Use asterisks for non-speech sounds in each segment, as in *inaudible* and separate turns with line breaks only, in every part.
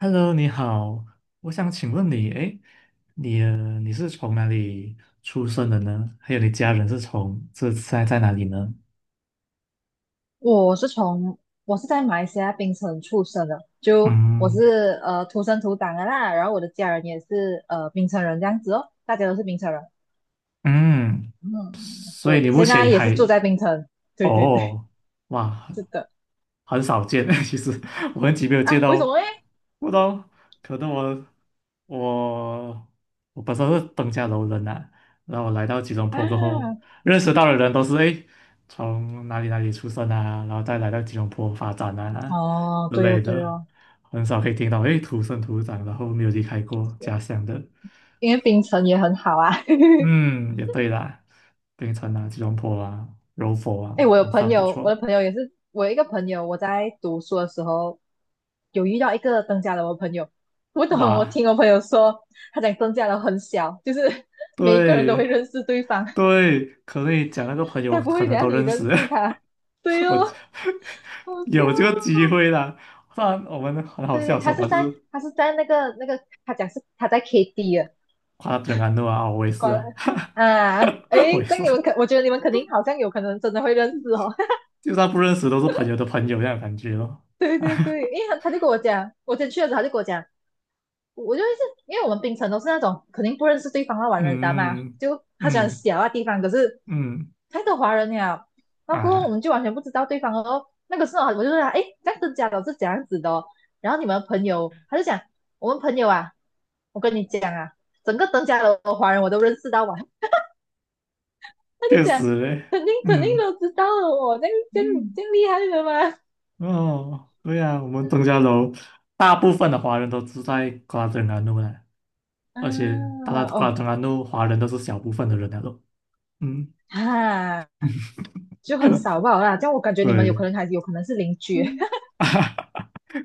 Hello，你好，我想请问你，哎，你是从哪里出生的呢？还有你家人是从这在在哪里呢？
我是从我是在马来西亚槟城出生的，就我
嗯
是土生土长的啦，然后我的家人也是槟城人这样子哦，大家都是槟城人。
嗯，
嗯，
所以你
对，
目
现在
前
也
还
是住在槟城。对对对，
哦，哇，
是的。
很少见。*laughs* 其实我很久没有见
啊，为
到，
什么嘞？
不知道可能我我本身是登嘉楼人呐、然后我来到吉隆
啊，
坡过后，认识到的人都是诶，从哪里哪里出生啊，然后再来到吉隆坡发展啊
哦，
之
对哦
类
对
的，
哦，
很少可以听到诶土生土长，然后没有离开过家乡的。
因为槟城也很好啊。*laughs*
嗯，也对啦，槟城啊、吉隆坡啊、柔佛
哎，
啊
我有
都
朋
算不
友，我的
错。
朋友也是，我有一个朋友，我在读书的时候有遇到一个登嘉楼的朋友，我懂，我
哇，
听我朋友说，他讲登嘉楼很小，就是 *laughs* 每一个人都会
对
认识对方，
对，可能你讲那个朋
*laughs*
友
该不
可
会
能
等下
都
你
认
认
识，
识他？对
*laughs* 我
哦，好笑
有这个机
哦。
会啦。不然我们很好
对
笑
对，他
说
是
还是
在他是在那个，他讲是他在 KD 的，
夸他安诺啊，我也是
关。
啊，
啊，
*laughs* 我
诶，
也
这
是，
样你们可，我觉得你们肯定好像有可能真的会认识哦。
就算不认识都是朋友的朋友这样的感觉咯。
*laughs* 对对对，
*laughs*
因为他就跟我讲，我先去的时候他就跟我讲。我就是因为我们槟城都是那种肯定不认识对方的玩人的嘛，
嗯
就他喜欢
嗯
小的地方，可是
嗯
太多华人了，然后过后我
啊，
们就完全不知道对方哦。那个时候我就说，哎，这样子家长是怎样子的哦、然后你们朋友，他就讲我们朋友啊，我跟你讲啊，整个登嘉楼的华人我都认识到完，他就
确
讲
实嘞，
肯定肯定
嗯
都知道了我，那这样
嗯
这样厉害的吗？
哦，对呀、啊我们登嘉楼大部分的华人都住在夸整安路啦。
*laughs* 啊，
而且大家果然
哦，
当然都华人都是小部分的人来了，嗯，
啊，就很
*laughs*
少吧啦，这样我感觉你们有
对，
可能还有可能是邻居。
嗯，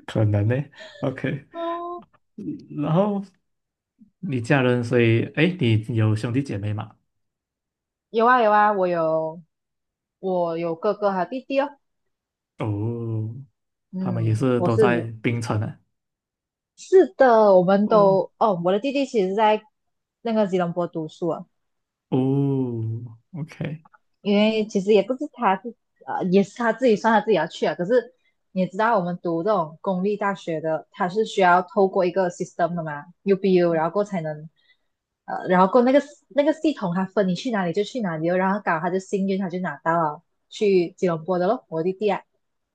可能呢，OK，
*laughs* 哦。
然后你家人，所以哎，你有兄弟姐妹吗？
有啊有啊，我有哥哥和弟弟哦。
哦，他们也
嗯，
是
我
都在
是
槟城啊，
是的，我们
哦
都哦，我的弟弟其实在那个吉隆坡读书啊，
哦，OK，
因为其实也不是呃，也是他自己算他自己要去啊。可是你也知道，我们读这种公立大学的，他是需要透过一个 system 的嘛，UBU,然后过后才能，然后过后那个系统，它分你去哪里就去哪里哦然后搞他就幸运，他就拿到了去吉隆坡的咯，我弟弟啊。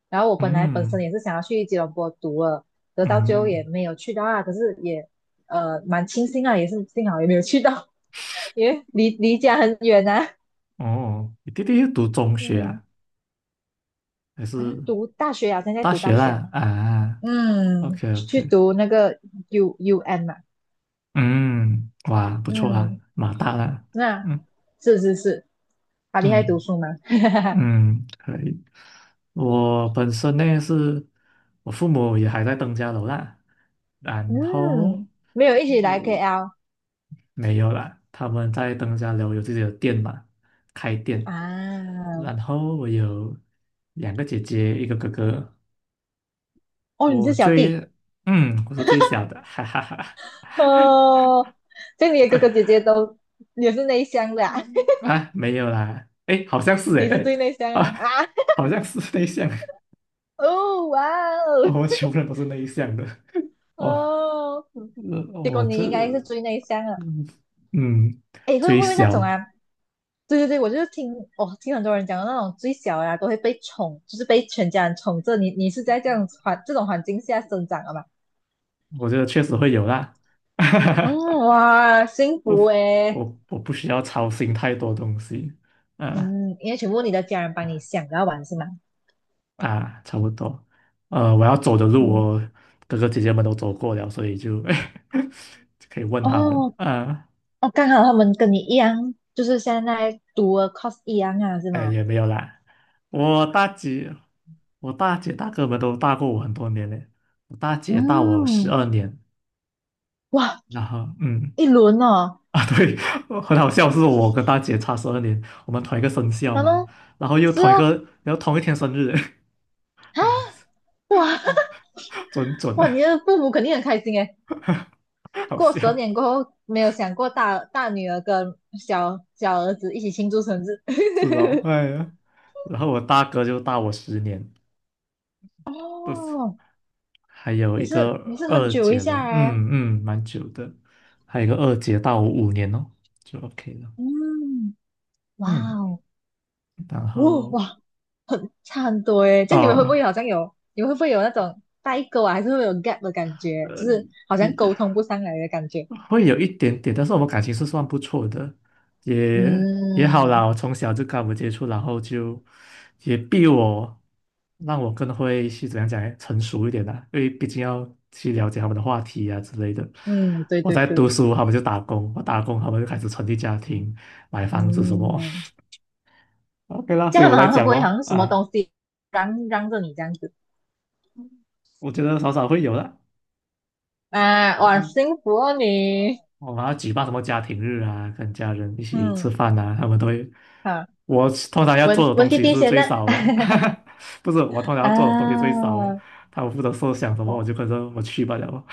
然后我本来本身
嗯
也是想要去吉隆坡读了，得到最后也
嗯，
没有去到啊。可是也蛮庆幸啊，也是幸好也没有去到，*laughs* 因为离家很远啊。
哦，你弟弟读中学
嗯。
啊，还
啊，
是
读大学啊，现在
大
读大
学
学啊，
啦？啊
嗯
，OK
去
OK，
读那个 U U N 嘛，
嗯，哇，不错啊，
嗯
马大啦，
那
嗯
是是是，好厉害读
嗯。
书嘛，*laughs*
嗯，可以。我本身呢是，我父母也还在登家楼啦，然后
嗯没有一起来
呃
KL
没有啦，他们在登家楼有自己的店嘛，开店。然
啊，
后我有两个姐姐，一个哥哥，
哦，你
我
是小
最
弟
我是最小的，哈哈哈。*laughs*
哦，这样你的哥哥
不
姐姐都也是内向的啊，
嗯啊没有啦，诶，好像
*laughs*
是
你是
诶，
最内
*laughs*
向的
啊
啊，
好像是内向，
*laughs* 哦哇
*laughs* 我
哦
们穷人都是内向的。哦，
哦，结果
我这，
你应该是最内向的。
嗯嗯，
哎，会
最
不会那种啊？
小，
对对对，我就是听哦，听很多人讲的那种最小的啊，都会被宠，就是被全家人宠着。你你是在这样这种环境下生长的吗？
我觉得确实会有啦。
嗯，
*laughs*
哇，幸
我
福诶。
我不需要操心太多东西，啊
嗯，因为全部你的家人帮你想要玩是吗？
啊，差不多。我要走的路，
嗯，
我哥哥姐姐们都走过了，所以就 *laughs* 就可以问他们。
哦
啊，
哦，刚好他们跟你一样，就是现在读了 course 一样啊，是
哎，
吗？
也没有啦。我大姐，我大姐大哥们都大过我很多年嘞。我大姐大我十
嗯，
二年，
哇，
然后。
一轮哦，
*laughs* 啊，对，*laughs* 很好笑，是我跟大姐差十二年，我们同一个生肖
然
嘛，
后
然后又
是
同一个，
哦，
然后同一天生日，*laughs* 很好笑，
哇
*laughs* 准
*laughs*
准的，
哇，你的父母肯定很开心诶。
*laughs* 好
过
笑，
十二点过后，没有想过大女儿跟小儿子一起庆祝生日。
是哦，
*laughs*
哎呀，然后我大哥就大我10年，不是，
哦，
还有
也
一个
是也是很
二
久一
姐了，
下哎。
嗯嗯，蛮久的，还有一个二姐大我5年哦，就 OK 了，
嗯，哇
嗯，
哦，
然
哦
后
哇，很差很多哎。就你们会不
哦，
会好像有，你们会不会有那种代沟啊，还是会有 gap 的感觉，就
呃，
是好像沟通不上来的感觉？
会有一点点，但是我们感情是算不错的，也也好啦。
嗯
我从小就跟我接触，然后就也逼我，让我更会去怎样讲呢成熟一点啦。因为毕竟要去了解他们的话题啊之类的。
嗯，对
我
对
在
对，
读书，他们就打工；我打工，他们就开始成立家庭、买房子什么。
嗯，
*laughs* OK 啦，
这
所以
样
我
的好
在
像会不
讲
会好
咯，
像什么
啊，
东西嚷嚷着你这样子？
我觉得少少会有的。
啊，哇，幸福哦你！
我们要举办什么家庭日啊，跟家人一起吃
嗯，
饭啊，他们都会。
好，
我通常要
文
做的
文
东
弟
西
弟
是
先
最
呢？
少的，
*laughs*
*laughs* 不是我通常要做的东西最
啊，
少的，他们负责设想什么，我就
哦，
跟着我去罢了。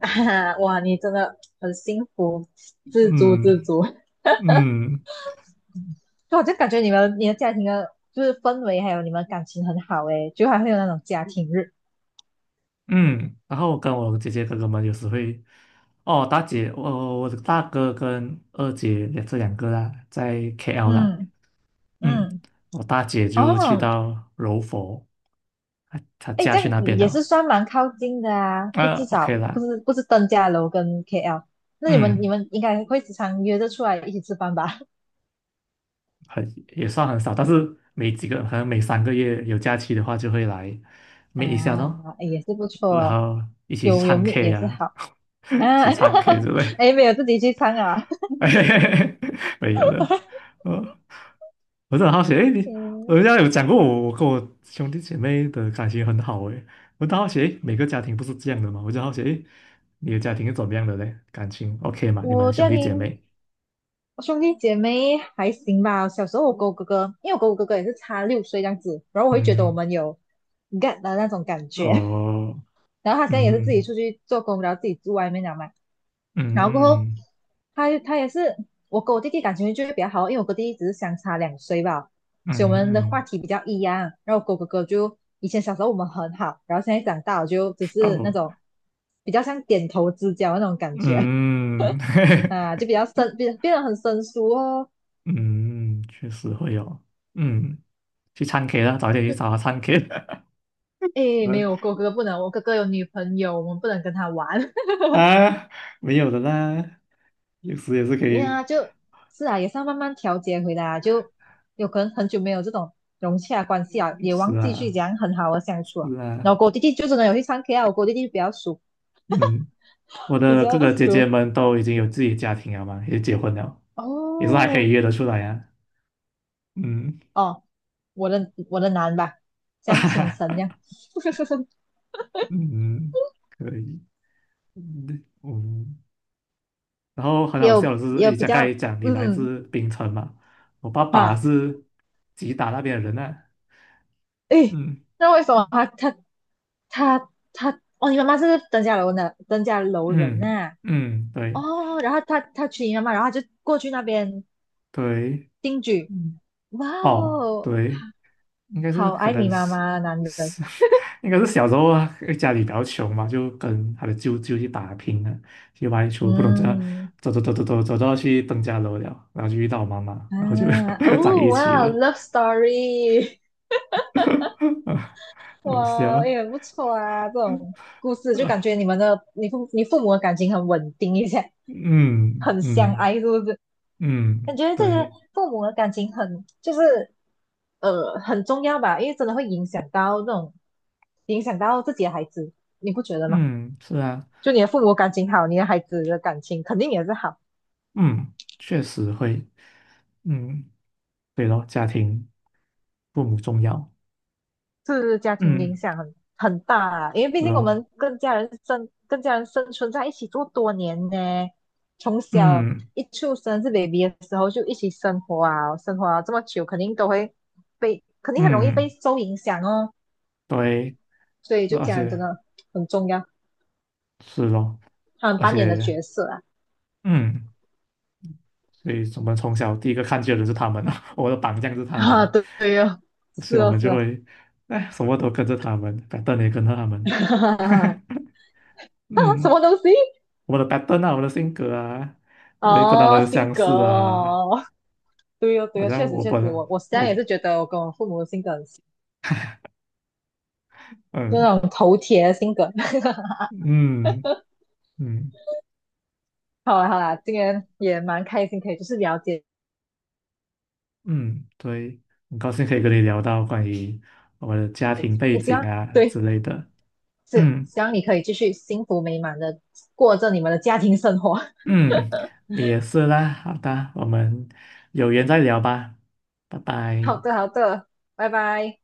*laughs* 哇，你真的很幸福，
*laughs*
知足知
嗯
足。
嗯
就我就感觉你的家庭的，就是氛围还有你们感情很好诶，就还会有那种家庭日。
嗯，然后跟我姐姐哥哥们有时会，哦，大姐，我的大哥跟二姐这两个啦，在 KL 啦，
嗯
嗯，
嗯，
我大姐就去
哦，
到柔佛，她
诶，
嫁
这
去
样
那边
也是
了，
算蛮靠近的啊，就
啊
至
，OK
少
啦，
不是登嘉楼跟 KL。那你
嗯，
们应该会时常约着出来一起吃饭吧？
很也算很少，但是每几个可能每3个月有假期的话，就会来
*laughs*
meet 一下咯，
啊，诶也是不错
然
哦，
后一起去
有有
唱
meet
K
也是
啊，
好。
*laughs* 一
啊，
起唱 K
*laughs*
之类，
哎，没有自己去唱啊。
*laughs* 没有的。呃，我是很好奇，诶，
嗯，
人家有讲过我，我跟我兄弟姐妹的感情很好诶，我就好奇，诶，每个家庭不是这样的嘛？我就好奇，诶，你的家庭是怎么样的嘞？感情 OK 嘛？你们
我
兄
家
弟姐
庭
妹？
我兄弟姐妹还行吧。小时候我跟我哥哥，因为我跟我哥哥也是差六岁这样子，然后我会觉得我
嗯，
们有 g e t 的那种感觉。
哦，
然后他现在也是自己
嗯
出去做工，然后自己住外面了嘛。然后过后，
嗯。
他也是我跟我弟弟感情就会比较好，因为我跟弟弟只是相差两岁吧，所以我们的话
嗯，
题比较一样。然后我跟我哥哥就以前小时候我们很好，然后现在长大我就只是那
哦，
种比较像点头之交那种感觉
嗯，
啊，就
*laughs*
比较变变得很生疏哦。
嗯，确实会有，嗯，去唱 K 啦，早点去
就
找他唱 K
诶，没有我哥哥不能，我哥哥有女朋友，我们不能跟他玩。
*laughs* 啊，没有的啦，有时也是可
没有
以，
啊，就是啊，也是要慢慢调节回来啊，就有可能很久没有这种融洽关系啊，也
是
忘记去
啊，
讲很好的相处啊。
是啊，
然后跟我弟弟就真的有去唱 K 啊，我跟我弟弟比较熟，
嗯，我
比
的哥
较
哥姐姐
熟
们都已经有自己家庭了嘛，也结婚了，也是还可以
哦
约得出来呀、啊，嗯，
哦，我的男吧，像请神这样，
*laughs*
*laughs*
嗯，可以，嗯，然后很
也
好笑
有
的是，
也有
诶，
比
刚刚
较
也讲你来
嗯。
自槟城嘛，我爸爸
啊，
是吉打那边的人啊，
诶，
嗯
那为什么他哦，你妈妈是登嘉楼人
嗯
呐、
嗯，对
哦，然后他娶你妈妈，然后他就过去那边
对，
定居。
嗯
哇
哦
哦，
对，应该是
好
可
爱
能
你妈
是
妈，男人。
是 *laughs* 应该是小时候啊，家里比较穷嘛，就跟他的舅舅去打拼啊，去外出，不懂怎样
嗯。
走走走走走走到去登家楼了，然后就遇到我妈妈，
啊，
然后就 *laughs* 在
哦
一起
哇哦
了，
，love story,
*laughs*
*laughs*
好
哇哦，
笑，
也很不错啊，这种故事就感觉
*laughs*
你们的你父母的感情很稳定一下，
嗯
很相
嗯。
爱，是不是？
嗯，
感觉这些
对，
父母的感情很就是很重要吧，因为真的会影响到自己的孩子，你不觉得吗？
嗯，是啊，
就你的父母感情好，你的孩子的感情肯定也是好，
嗯，确实会，嗯，对咯，家庭父母重要，
是家庭影
嗯，
响很大啊。因为毕
是
竟我
咯，
们跟家人生存在一起多年呢，从小
嗯
一出生是 baby 的时候就一起生活啊，生活啊这么久，肯定都会肯定很容易被
嗯，
受影响哦。
对，
所以就
而
家人真
且
的很重要，
是咯，
他们
而
扮演的
且
角色啊。
嗯，所以我们从小第一个看见的是他们啊，*laughs* 我的榜样是
*laughs*
他
啊，
们，
对对哦，是
所以我们
哦是
就
哦，
会，哎，什么都跟着他们，pattern 也跟着他们，
*laughs*
*laughs*
什
嗯，
么东西？
我们的 pattern 啊，我们的性格啊，也跟他们
哦，性
相
格
似啊。
哦，对哦，
好
对哦，
像
确实
我
确实，
本
我实际上也
我
是觉得我跟我父母的性格很像，就
嗯
那种头铁的性格。*laughs*
嗯嗯
好啦好啦，今天也蛮开心，可以就是了解，
嗯，对，很高兴可以跟你聊到关于我的家庭背
也希
景
望
啊
对
之类的。
是
嗯
希望你可以继续幸福美满的过着你们的家庭生活。
嗯，你也是啦。好的，我们有缘再聊吧，拜
*laughs* 好
拜。
的好的，拜拜。